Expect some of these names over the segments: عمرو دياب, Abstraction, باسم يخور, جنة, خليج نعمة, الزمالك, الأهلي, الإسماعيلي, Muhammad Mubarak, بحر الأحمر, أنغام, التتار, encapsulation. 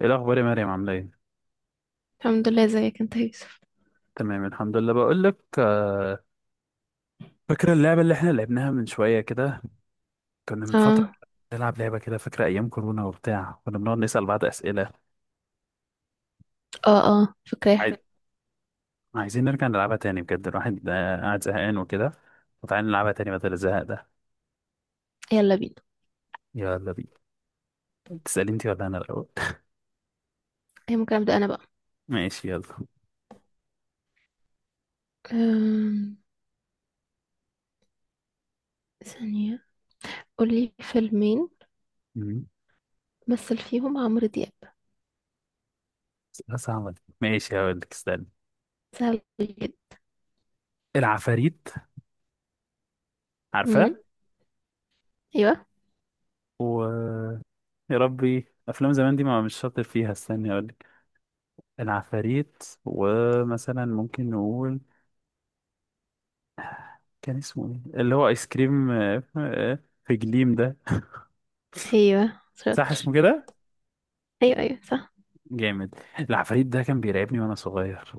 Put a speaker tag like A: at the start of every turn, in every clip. A: ايه الاخبار يا مريم، عامله ايه؟
B: الحمد لله، ازيك انت يا يوسف؟
A: تمام الحمد لله. بقول لك، فاكره اللعبه اللي احنا لعبناها من شويه كده، كنا من فتره
B: اه
A: نلعب لعبه كده؟ فاكره ايام كورونا وبتاع، كنا بنقعد نسال بعض اسئله.
B: اه اه، فاكراها.
A: عايز... عايزين نرجع نلعبها تاني بجد، الواحد قاعد زهقان وكده، وتعالى نلعبها تاني بدل الزهق ده.
B: يلا بينا.
A: يلا بينا. تسالي انت ولا انا الاول؟
B: هي ممكن ابدا انا بقى.
A: ماشي، يلا.
B: أم... ثانية. قولي فيلمين
A: مم.
B: مثل فيهم عمرو دياب.
A: أسئلة صعبة دي. ماشي هقول لك، استنى.
B: سهل جدا.
A: العفاريت، عارفاه.
B: امم ايوه
A: و يا ربي، افلام زمان دي ما مش شاطر فيها، استني اقول. العفاريت، ومثلا ممكن نقول كان اسمه ايه اللي هو ايس كريم في جليم ده.
B: ايوه
A: صح
B: شاطر.
A: اسمه كده؟
B: ايوه ايوه صح.
A: جامد. العفاريت ده كان بيرعبني وانا صغير.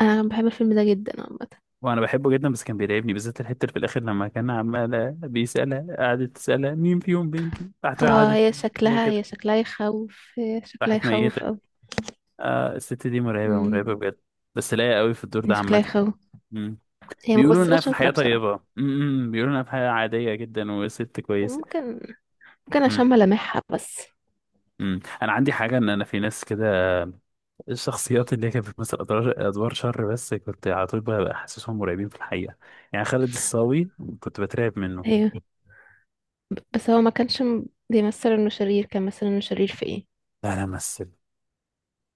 B: انا بحب الفيلم ده جدا عامة.
A: وانا بحبه جدا بس كان بيرعبني، بالذات الحته اللي في الاخر لما كان عمال بيسالها، قعدت تسالها مين فيهم بنتي، راحت رايحة
B: اه،
A: قعدت
B: هي
A: زي
B: شكلها
A: كده،
B: هي شكلها يخوف، هي شكلها
A: راحت ميته.
B: يخوف اوي.
A: آه، الست دي مرعبه
B: امم.
A: مرعبه بجد. بس لايقه قوي في الدور
B: هي
A: ده
B: شكلها
A: عامه.
B: يخوف.
A: مم.
B: هي
A: بيقولوا
B: ممثلة
A: انها في
B: شاطرة
A: الحياه
B: بصراحة.
A: طيبه، بيقولوا انها في الحياه عاديه جدا وست
B: هي
A: كويسه.
B: ممكن عشان ملامحها بس.
A: انا عندي حاجه، ان انا في ناس كده، الشخصيات اللي هي كانت بتمثل ادوار شر، بس كنت على طول بقى حاسسهم مرعبين في الحقيقه. يعني خالد الصاوي، كنت بترعب منه.
B: ايوه، بس هو ما كانش بيمثل انه شرير، كان مثلا انه شرير في ايه؟
A: لا لا، مثل.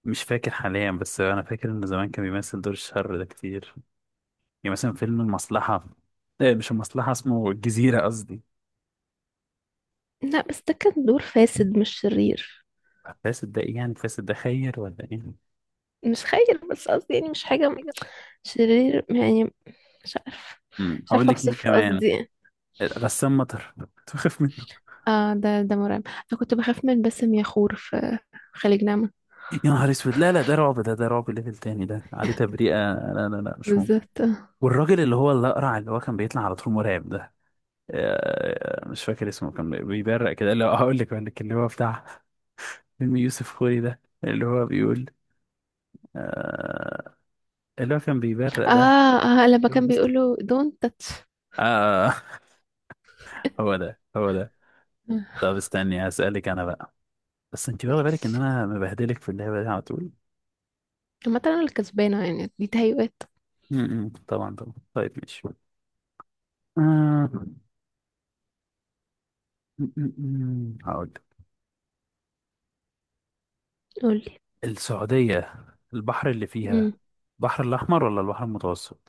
A: مش فاكر حاليا بس انا فاكر انه زمان كان بيمثل دور الشر ده كتير، يعني مثلا فيلم المصلحه، إيه مش المصلحه، اسمه الجزيره قصدي.
B: لا، بس ده كان دور فاسد مش شرير.
A: فاسد ده ايه يعني؟ فاسد ده خير ولا ايه؟
B: مش خير، بس قصدي يعني مش حاجة
A: حاجة.
B: شرير يعني. مش عارف. مش
A: هقول
B: عارفة
A: لك مين
B: اوصف
A: كمان.
B: قصدي يعني.
A: غسان مطر كنت بخاف.
B: اه، ده مرعب. انا كنت بخاف من باسم يخور في خليج نعمة.
A: يا نهار اسود، لا لا، ده رعب، ده رعب ليفل تاني، ده عليه تبريئة، لا لا لا مش ممكن.
B: بالذات.
A: والراجل اللي هو الأقرع اللي هو كان بيطلع على طول مرعب ده، مش فاكر اسمه، كان بيبرق كده اللي هو هقول لك، بقول لك اللي هو بتاع فيلم يوسف خوري ده اللي هو بيقول آه، اللي هو كان بيبرق ده.
B: اه اه لما كان بيقوله don't touch.
A: آه. هو ده هو ده.
B: آه.
A: طب استني هسألك أنا بقى. بس أنت واخدة بالك إن
B: ماشي.
A: أنا مبهدلك في اللعبة دي على طول؟
B: عامة انا اللي كسبانة يعني، دي تهيؤات.
A: م- م، طبعا طبعا. طيب ماشي. آه، م- م- م، هقول.
B: قولي.
A: السعودية، البحر اللي
B: امم
A: فيها البحر الأحمر ولا البحر المتوسط؟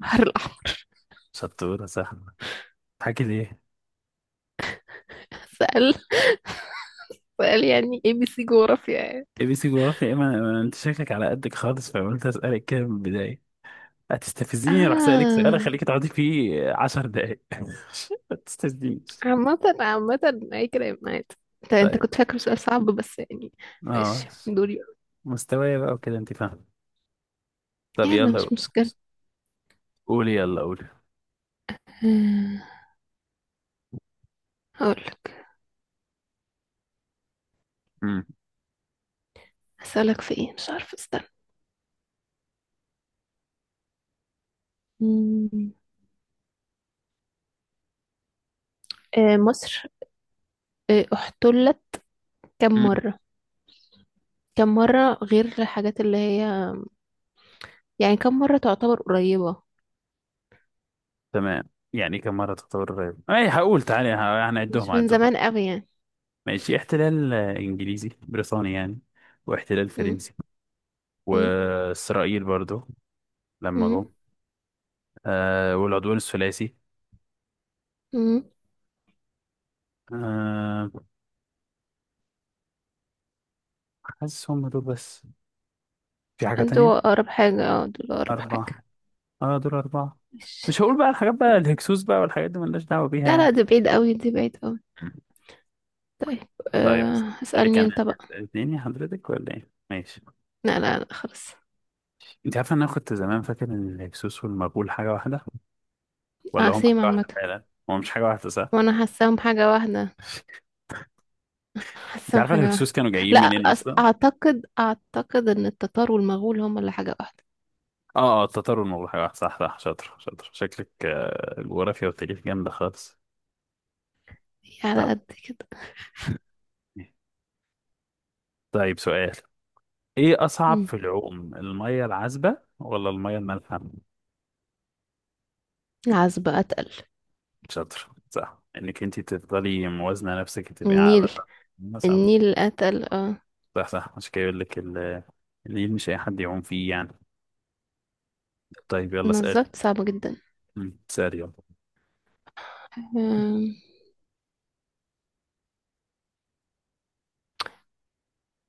B: بحر الأحمر.
A: شطورة، سهلة. حكي ليه؟
B: سأل. سأل يعني ABC جغرافيا يعني.
A: اي بي سي جغرافيا ايه؟ ما أنا- ما أنا- انت شكلك على قدك خالص، فقلت اسألك كده من البداية. هتستفزيني، راح سألك سؤال
B: اه،
A: اخليك تقعدي فيه 10 دقايق. ما تستفزنيش.
B: عامة عامة أي كلام عادي. انت
A: طيب.
B: كنت فاكر سؤال صعب بس يعني.
A: اه.
B: ماشي دوري.
A: مستوايا بقى وكده انت فاهم. طب
B: يلا
A: يلا قول.
B: مش مشكلة.
A: قولي يلا قولي.
B: آه، هقولك.
A: مم.
B: هسألك في ايه، مش عارفة استنى. مم. مصر احتلت كم
A: مم.
B: مرة؟ كم مرة غير الحاجات اللي هي، يعني كم مرة تعتبر قريبة.
A: تمام. يعني كم مرة تطور الرياض؟ اي هقول تعالي، هنعدهم
B: مش من
A: هنعدهم.
B: زمان قوي يعني.
A: ماشي، احتلال انجليزي بريطاني يعني، واحتلال
B: مم.
A: فرنسي،
B: مم.
A: واسرائيل برضو لما
B: مم.
A: جم، آه، والعدوان الثلاثي.
B: مم.
A: آه. حاسس هم دول بس. في حاجة تانية؟
B: انتوا أقرب حاجة، اه دول أقرب
A: أربعة.
B: حاجة.
A: اه دول أربعة.
B: ماشي.
A: مش هقول بقى الحاجات بقى الهكسوس بقى والحاجات دي ملناش دعوة بيها
B: لا
A: يعني.
B: لا، دي بعيد قوي، دي بعيد قوي. طيب.
A: طيب.
B: أه
A: اللي
B: هسألني
A: كان
B: انت بقى.
A: اتنين يا حضرتك ولا ايه؟ ماشي.
B: لا لا لا خلاص.
A: انت عارف ان انا كنت زمان فاكر ان الهكسوس والمغول حاجة واحدة؟ ولا هم
B: اقسم
A: حاجة
B: عامة.
A: واحدة فعلا؟ هو مش حاجة واحدة صح؟
B: وانا حاساهم حاجة واحدة،
A: انت
B: حاساهم
A: عارفة
B: حاجة واحدة.
A: الهكسوس كانوا جايين
B: لا
A: منين اصلا؟
B: اعتقد ان التتار والمغول هم اللي حاجة واحدة.
A: اه اه، التتار والملوخية واحد. صح صح. شاطر شاطر، شكلك الجغرافيا والتاريخ جامدة خالص.
B: هي على
A: طب.
B: قد كده.
A: طيب سؤال. ايه اصعب
B: مم.
A: في العوم، المية العذبة ولا المية المالحة؟
B: العزبة اتقل.
A: شاطر. صح، انك انت تفضلي موازنة نفسك تبقى على
B: النيل.
A: صح. مثلا
B: النيل اتقل اه.
A: صح صح، عشان كده يقول لك النيل مش اي حد يعوم فيه يعني. طيب يلا اسال.
B: بالظبط صعبة جدا.
A: اسال يلا.
B: آم،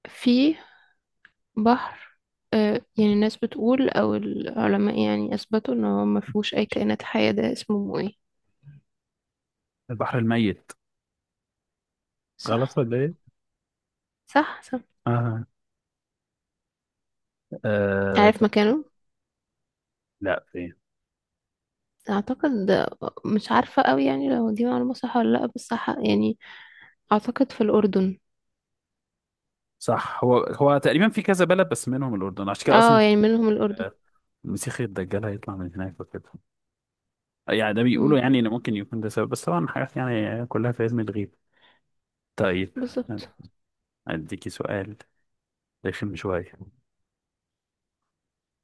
B: في بحر، يعني الناس بتقول او العلماء يعني اثبتوا ان هو ما فيهوش اي كائنات حية، ده اسمه ايه؟
A: البحر الميت. غلط
B: صح.
A: ولا ايه؟
B: صح صح.
A: اه. آه.
B: عارف مكانه؟
A: لا، فين؟
B: اعتقد. مش عارفة قوي يعني لو دي معلومة صح ولا لا، بس يعني اعتقد في الاردن.
A: صح، هو هو تقريبا في كذا بلد بس منهم الأردن، عشان كده أصلا
B: اه يعني منهم الاردن.
A: المسيح الدجال هيطلع من هناك وكده. يعني ده
B: مم.
A: بيقولوا يعني إن ممكن يكون ده سبب، بس طبعا حاجات يعني كلها في علم الغيب. طيب.
B: بالظبط.
A: أديكي سؤال رخم شوية.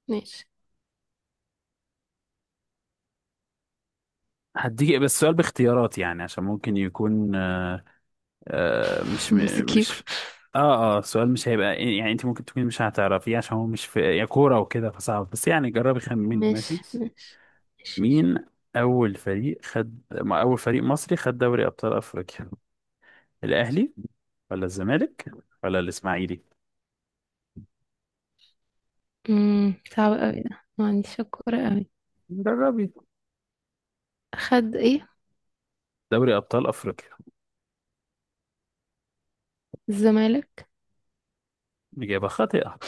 B: ماشي.
A: هديكي بس سؤال باختيارات، يعني عشان ممكن يكون آه مش م-
B: مسكيب.
A: مش اه سؤال مش هيبقى، يعني انت ممكن تكوني مش هتعرفيه عشان هو مش في يا كورة وكده فصعب، بس يعني جربي خمني. ماشي.
B: ماشي ماشي ماشي.
A: مين أول فريق خد، ما أول فريق مصري خد دوري أبطال أفريقيا؟ الأهلي ولا الزمالك ولا الإسماعيلي؟
B: صعب قوي ده، ما عنديش الكورة قوي.
A: جربي.
B: خد ايه؟
A: دوري أبطال أفريقيا.
B: الزمالك.
A: إجابة خاطئة.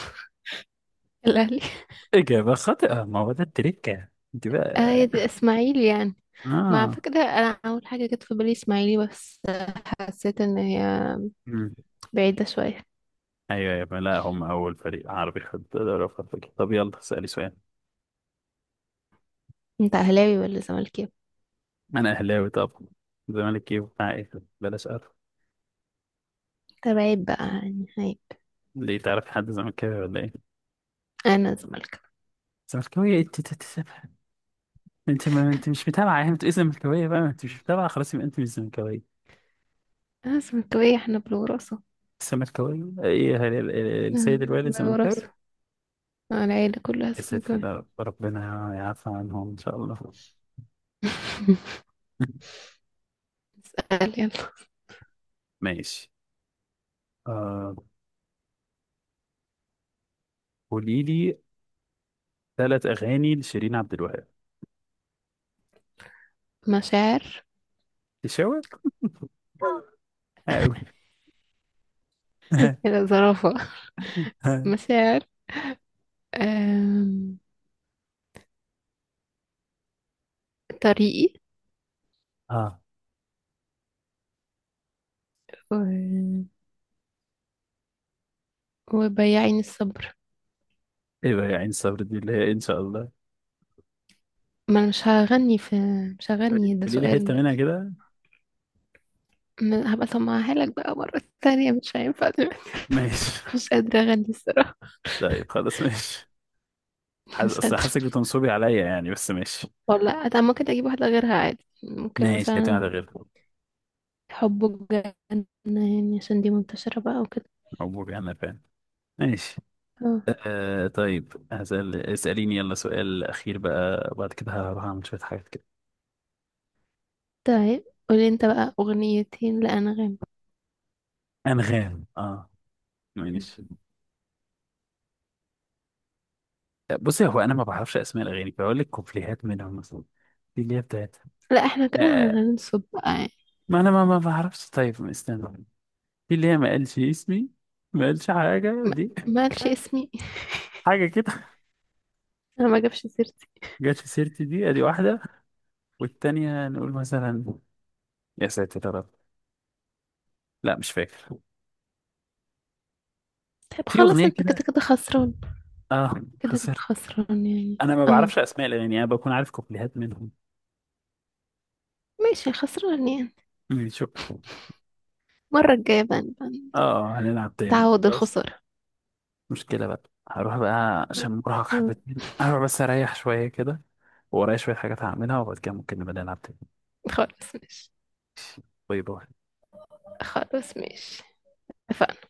B: الاهلي.
A: إجابة خاطئة، ما هو ده التريكة. أنت
B: اه يا دي
A: بقى.
B: اسماعيلي يعني. مع
A: آه.
B: فكرة، انا اول حاجة جت في بالي اسماعيلي، بس حسيت ان هي
A: مم.
B: بعيدة شوية.
A: أيوه أيوه، لا هم أول فريق عربي خد دوري أبطال أفريقيا. طب يلا اسألي سؤال.
B: انت اهلاوي ولا زملكاوي؟
A: أنا أهلاوي طبعا. زمالك إيه، بتاع إيه، بلاش أعرف.
B: طب عيب بقى يعني عيب.
A: ليه تعرفي حد زملكاوي ولا إيه؟
B: انا زملكاوي.
A: زملكاوي إيه؟ انت ما انت مش متابعه يعني، انت اسم زملكاويه بقى، ما انت مش متابعه خلاص، يبقى انت مش زملكاويه.
B: اه سمكاوية، احنا بالوراثة.
A: الزملكاويه ايه، السيد الوالد زملكاوي؟
B: بالوراثة. العيلة كلها
A: يا ساتر.
B: سمكاوية.
A: لا، ربنا يعفى عنهم ان شاء الله.
B: اسأل يلا.
A: ماشي. آه. قولي لي 3 اغاني لشيرين عبد الوهاب.
B: مشاعر.
A: تشاور. قوي.
B: يلا زرافة. مشاعر. آم، طريقي
A: اه.
B: و... وبياعين الصبر.
A: ايه بقى يا عين صبر دي اللي هي ان شاء الله؟
B: ما انا مش هغني في، مش هغني ده
A: قولي لي حته
B: سؤال.
A: منها كده.
B: هبقى اسمعها لك بقى مرة تانية، مش هينفع دلوقتي.
A: ماشي.
B: مش قادرة اغني الصراحة.
A: طيب خلاص ماشي. حاس،
B: مش
A: اصل
B: قادرة.
A: حاسك بتنصبي عليا يعني، بس ماشي.
B: والله أنا ممكن اجيب واحدة غيرها عادي، ممكن
A: ماشي هتعمل
B: مثلا
A: غير.
B: حب جنة، يعني عشان دي منتشرة بقى وكده.
A: مبروك. انا فاهم. ماشي.
B: اه.
A: آه، طيب هسأل، اسأليني يلا سؤال أخير بقى، وبعد كده هروح أعمل شوية حاجات كده.
B: طيب قولي انت بقى أغنيتين لأنغام.
A: أنغام. اه. ماشي. بصي، هو أنا ما بعرفش أسماء الأغاني، فأقول لك كوبليهات منهم مثلا. في اللي هي بتاعت،
B: لا احنا
A: آه.
B: كده هننصب بقى يعني.
A: ما أنا ما بعرفش. طيب استنى. في اللي هي، ما قالش اسمي، ما قالش حاجة
B: ما
A: دي،
B: مالش اسمي.
A: حاجة كده،
B: انا ما جابش سيرتي.
A: جت في سيرتي دي، أدي واحدة. والتانية نقول مثلا يا ساتر يا رب، لا مش فاكر.
B: طيب
A: في
B: خلاص،
A: أغنية
B: انت كده
A: كده.
B: كده خسران.
A: اه.
B: كده كده
A: خسرت.
B: خسران يعني
A: انا ما بعرفش
B: اه.
A: اسماء الاغاني، انا بكون عارف كوبليهات منهم.
B: ماشي خسران يعني.
A: شكرا.
B: المرة الجاية بقى نبقى
A: اه، هنلعب تاني
B: نتعود
A: خلاص.
B: الخسارة.
A: مشكله بقى. هروح بقى عشان مرهق
B: مم.
A: حبتين، هروح بس اريح شويه كده. ورايا شويه حاجات هعملها، وبعد كده ممكن نبقى نلعب تاني.
B: خلاص ماشي.
A: باي باي.
B: خلاص ماشي. اتفقنا.